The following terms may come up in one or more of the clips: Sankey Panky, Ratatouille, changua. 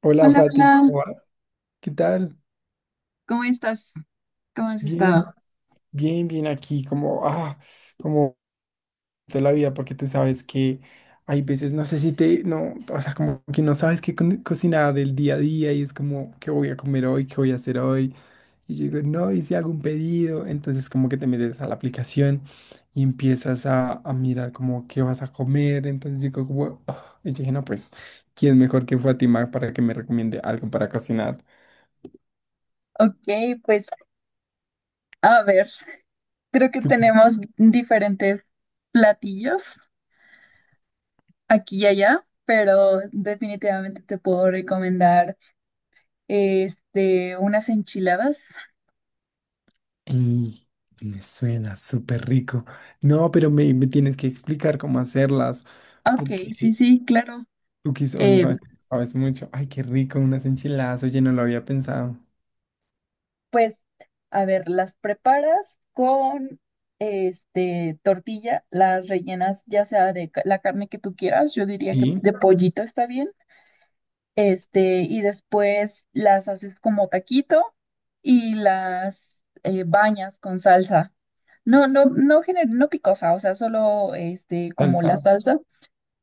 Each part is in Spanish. Hola Hola, Fati, hola, ¿cómo va? ¿Qué tal? ¿cómo estás? ¿Cómo has Bien, estado? bien, bien, aquí, como, como toda la vida, porque tú sabes que hay veces, no sé si te, no, o sea, como que no sabes qué cocinar del día a día y es como, ¿qué voy a comer hoy? ¿Qué voy a hacer hoy? Y yo digo, no, y si hago un pedido, entonces como que te metes a la aplicación y empiezas a mirar como qué vas a comer, entonces yo digo, como, y yo dije, no, pues, ¿quién mejor que Fátima para que me recomiende algo para cocinar? Ok, pues a ver, creo que tenemos diferentes platillos aquí y allá, pero definitivamente te puedo recomendar unas enchiladas. Y me suena súper rico. No, pero me tienes que explicar cómo hacerlas, Ok, sí, porque sí, claro. tú quizás Eh, no es que sabes mucho. Ay, qué rico, unas enchiladas. Oye, no lo había pensado. pues a ver, las preparas con tortilla, las rellenas ya sea de la carne que tú quieras, yo diría que Sí, de pollito está bien y después las haces como taquito y las bañas con salsa. No, no, no, no picosa, o sea, solo como la salsa. salsa.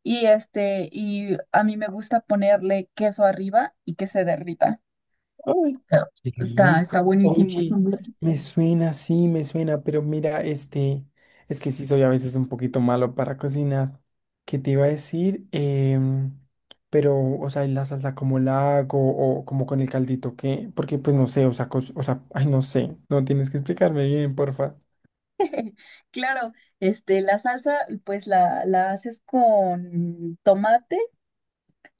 Y y a mí me gusta ponerle queso arriba y que se derrita. Ay, Ah. qué Está, está rico. buenísimo. Es Oye, un… me suena, sí, me suena, pero mira, este, es que sí soy a veces un poquito malo para cocinar. ¿Qué te iba a decir? Pero, o sea, ¿y la salsa como la hago o como con el caldito, qué? Porque, pues, no sé, o sea, o sea, ay, no sé, no tienes que explicarme bien, porfa. Claro, la salsa, pues la haces con tomate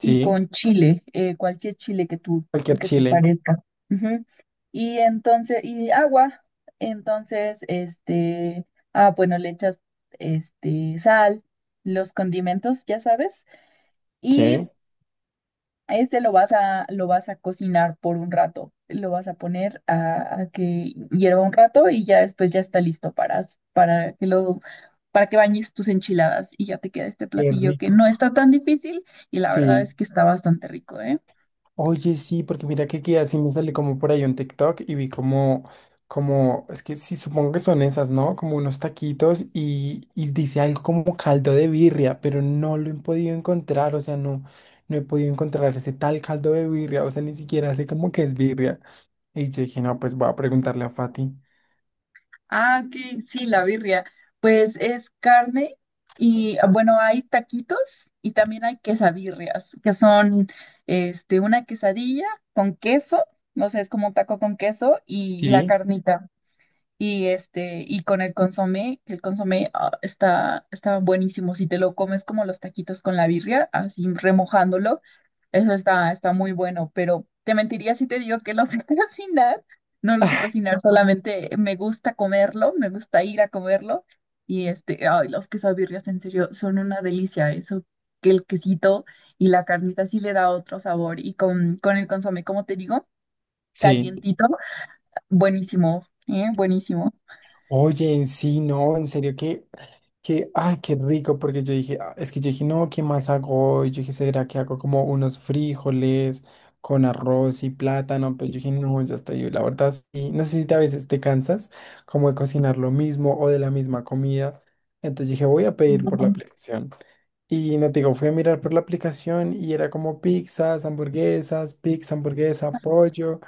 y con chile, cualquier chile que cualquier que te chile. parezca. Ujú. Y entonces, y agua, entonces, ah, bueno, le echas, sal, los condimentos, ya sabes, y Sí. Lo vas a cocinar por un rato, lo vas a poner a que hierva un rato y ya después ya está listo para, para que lo, para que bañes tus enchiladas y ya te queda este Qué platillo que rico. no está tan difícil y la verdad Sí. es que está bastante rico, ¿eh? Oye, sí, porque mira que así me sale como por ahí un TikTok y vi como, como, es que sí, supongo que son esas, ¿no? Como unos taquitos y dice algo como caldo de birria, pero no lo he podido encontrar, o sea, no, no he podido encontrar ese tal caldo de birria, o sea, ni siquiera sé como que es birria. Y yo dije, no, pues voy a preguntarle a Fati. Ah, ok, sí, la birria. Pues es carne y ah, bueno, hay taquitos y también hay quesabirrias, que son una quesadilla con queso, no sé, es como un taco con queso y la Sí. carnita. Y y con el consomé, que el consomé ah, está, está buenísimo. Si te lo comes como los taquitos con la birria, así remojándolo, eso está, está muy bueno. Pero te mentiría si te digo que lo sé cocinar. No lo sé cocinar, solamente me gusta comerlo, me gusta ir a comerlo. Y ay, los quesabirrias en serio son una delicia. Eso, que el quesito y la carnita sí le da otro sabor. Y con el consomé, como te digo, ¿Sí? Sí. calientito, buenísimo, ¿eh? Buenísimo. Oye, sí, no, en serio que, ay, qué rico, porque yo dije, "Ah", es que yo dije, no, ¿qué más hago? Y yo dije, ¿será que hago como unos frijoles con arroz y plátano? Pero yo dije, no, ya estoy, la verdad, sí, no sé si a veces te cansas como de cocinar lo mismo o de la misma comida. Entonces dije, voy a pedir por la aplicación. Y no te digo, fui a mirar por la aplicación y era como pizzas, hamburguesas, pizza, hamburguesa, pollo.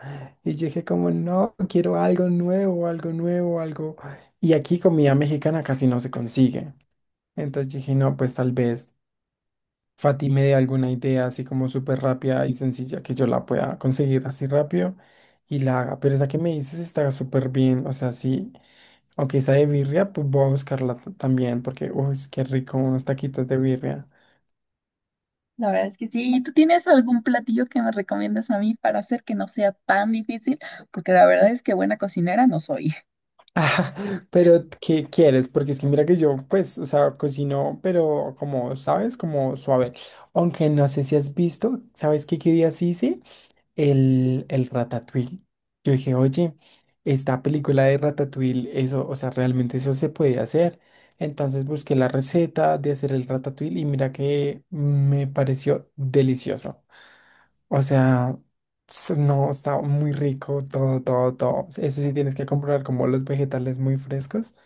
Y yo dije como, no, quiero algo nuevo, algo nuevo, algo. Y aquí comida mexicana casi no se consigue. Entonces dije, no, pues tal vez Fati me dé alguna idea así como súper rápida y sencilla que yo la pueda conseguir así rápido y la haga. Pero esa que me dices está súper bien. O sea, sí, aunque esa de birria, pues voy a buscarla también porque, uy, qué rico unos taquitos de birria. La verdad es que sí. ¿Y tú tienes algún platillo que me recomiendas a mí para hacer que no sea tan difícil? Porque la verdad es que buena cocinera no soy. Ah, pero ¿qué quieres? Porque es que mira que yo, pues, o sea, cocino, pero como, ¿sabes? Como suave. Aunque no sé si has visto, ¿sabes qué, qué día sí hice? El Ratatouille. Yo dije, oye, esta película de Ratatouille, eso, o sea, realmente eso se puede hacer. Entonces busqué la receta de hacer el Ratatouille y mira que me pareció delicioso. O sea, no, está muy rico todo, todo, todo. Eso sí tienes que comprar como los vegetales muy frescos,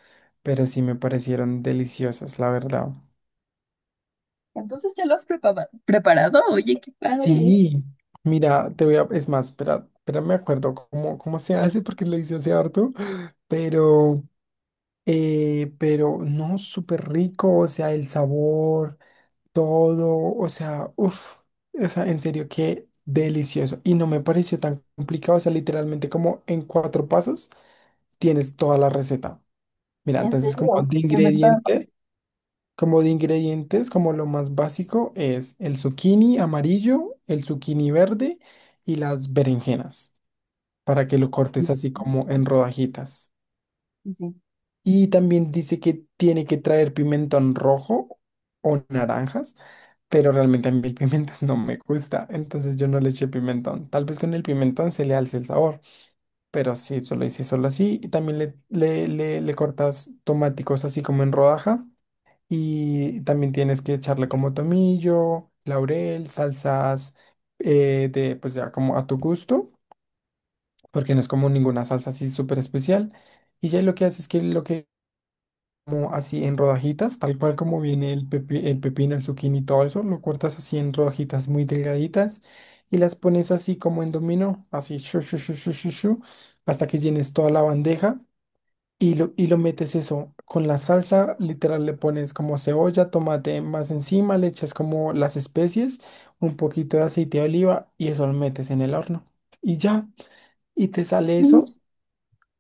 pero sí me parecieron deliciosos, la verdad. Entonces, ¿ya lo has preparado? Oye, qué padre. Sí, mira, te voy a, es más, espera, me acuerdo cómo, cómo se hace porque lo hice hace harto, pero, pero no, súper rico, o sea, el sabor, todo, o sea, uff, o sea, en serio, qué delicioso. Y no me pareció tan complicado, o sea, literalmente como en cuatro pasos tienes toda la receta. Mira, En entonces como serio, de de verdad. ingrediente, como de ingredientes, como lo más básico es el zucchini amarillo, el zucchini verde y las berenjenas, para que lo cortes Sí, así sí, como en rodajitas. Y también dice que tiene que traer pimentón rojo o naranjas, pero realmente a mí el pimentón no me gusta, entonces yo no le eché pimentón. Tal vez con el pimentón se le alce el sabor, pero sí, solo hice solo así. Y también le cortas tomáticos así como en rodaja y también tienes que echarle como tomillo, laurel, salsas de pues ya como a tu gusto, porque no es como ninguna salsa así súper especial. Y ya lo que haces es que lo que como así en rodajitas, tal cual como viene el el pepino, el zucchini y todo eso, lo cortas así en rodajitas muy delgaditas y las pones así como en dominó, así shu, shu, shu, shu, shu, shu, hasta que llenes toda la bandeja y lo metes eso con la salsa, literal le pones como cebolla, tomate más encima, le echas como las especies, un poquito de aceite de oliva y eso lo metes en el horno. Y ya, y te sale eso, sí.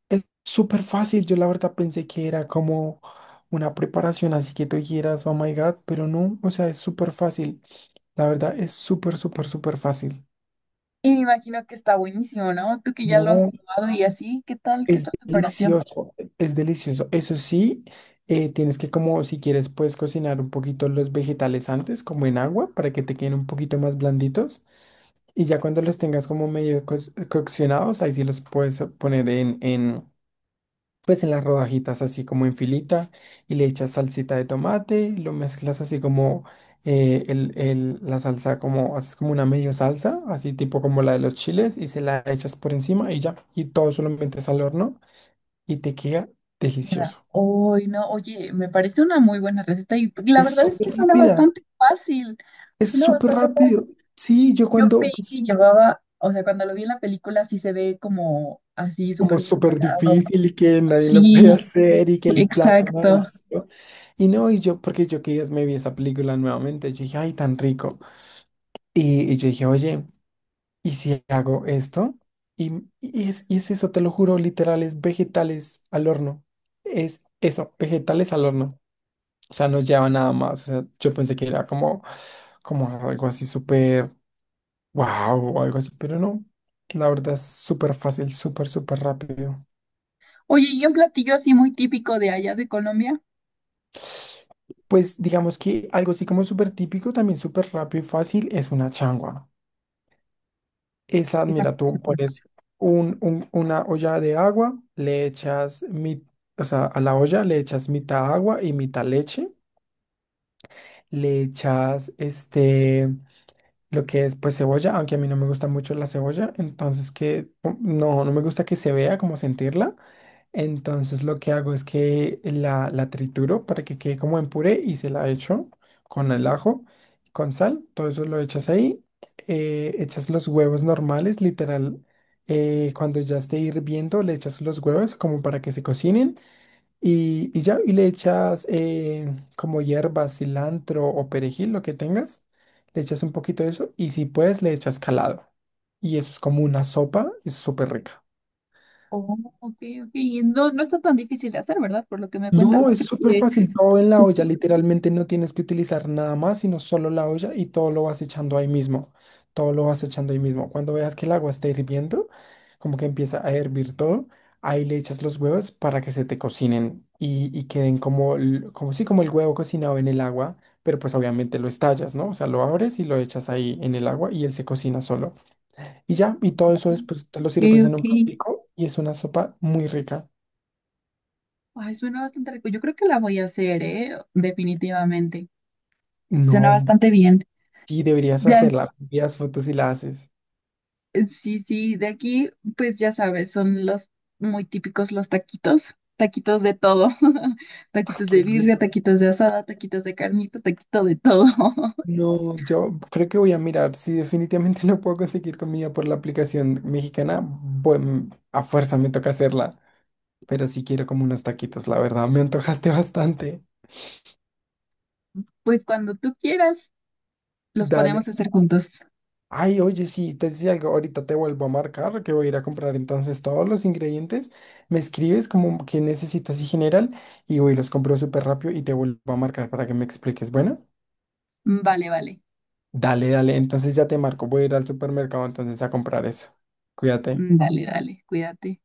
es súper fácil, yo la verdad pensé que era como una preparación, así que tú quieras, oh my God, pero no, o sea, es súper fácil, la verdad es súper, súper, súper fácil. Y me imagino que está buenísimo, ¿no? Tú que ya lo has No, probado y así, ¿qué tal? ¿Qué es tal te pareció? delicioso, es delicioso. Eso sí, tienes que como, si quieres, puedes cocinar un poquito los vegetales antes, como en agua, para que te queden un poquito más blanditos. Y ya cuando los tengas como medio coccionados, ahí sí los puedes poner en, pues en las rodajitas así como en filita y le echas salsita de tomate, lo mezclas así como la salsa, como haces como una medio salsa, así tipo como la de los chiles y se la echas por encima y ya, y todo solo metes al horno y te queda delicioso. Uy, no, oye, me parece una muy buena receta y la Es verdad es súper que suena rápida, bastante fácil. es Suena súper bastante rápido. fácil. Sí, yo Yo cuando, creí pues, que llevaba, o sea, cuando lo vi en la película sí se ve como así como súper súper complicado. difícil y que nadie lo Sí, puede hacer y que el plato exacto. maestro. Y no, y yo, porque yo que días me vi esa película nuevamente, yo dije, ay, tan rico. Y yo dije, oye, ¿y si hago esto? Y es eso, te lo juro, literal, es vegetales al horno. Es eso, vegetales al horno. O sea, no lleva nada más. O sea, yo pensé que era como, como algo así súper wow o algo así, pero no. La verdad es súper fácil, súper, súper rápido. Oye, ¿y un platillo así muy típico de allá de Colombia? Pues digamos que algo así como súper típico, también súper rápido y fácil, es una changua. Esa, Esa mira, tú pones una olla de agua, le echas, o sea, a la olla le echas mitad agua y mitad leche, le echas este, lo que es pues cebolla, aunque a mí no me gusta mucho la cebolla, entonces que pum, no, no me gusta que se vea como sentirla. Entonces lo que hago es que la trituro para que quede como en puré y se la echo con el ajo, con sal, todo eso lo echas ahí, echas los huevos normales, literal, cuando ya esté hirviendo le echas los huevos como para que se cocinen y ya, y le echas como hierba, cilantro o perejil, lo que tengas, le echas un poquito de eso y si puedes le echas calado y eso es como una sopa, es súper rica. Oh, ok, ok. Y no, no está tan difícil de hacer, ¿verdad? Por lo que me No, cuentas, es creo súper que fácil, todo en la olla, supongo. literalmente no tienes que utilizar nada más, sino solo la olla y todo lo vas echando ahí mismo, todo lo vas echando ahí mismo. Cuando veas que el agua está hirviendo, como que empieza a hervir todo, ahí le echas los huevos para que se te cocinen y queden como, como sí, como el huevo cocinado en el agua, pero pues obviamente lo estallas, ¿no? O sea, lo abres y lo echas ahí en el agua y él se cocina solo. Y ya, y todo eso después te lo Ok, sirves en ok. un platico y es una sopa muy rica. Ay, suena bastante rico. Yo creo que la voy a hacer, ¿eh? Definitivamente. Suena No, bastante bien. sí, deberías Ya. hacerla. Envías fotos y la haces. Sí, sí, de aquí, pues ya sabes, son los muy típicos los taquitos, taquitos de todo, Ay, taquitos qué de birria, rico. taquitos de asada, taquitos de carnita, taquito de todo. No, yo creo que voy a mirar. Si definitivamente no puedo conseguir comida por la aplicación mexicana, bueno, a fuerza me toca hacerla. Pero sí quiero como unos taquitos, la verdad. Me antojaste bastante. Pues cuando tú quieras, los Dale. podemos hacer juntos. Ay, oye, sí, te decía algo. Ahorita te vuelvo a marcar que voy a ir a comprar entonces todos los ingredientes. Me escribes como que necesitas y general y voy, los compro súper rápido y te vuelvo a marcar para que me expliques. Bueno. Vale, vale, Dale, dale, entonces ya te marco, voy a ir al supermercado entonces a comprar eso. Cuídate. dale, dale, cuídate.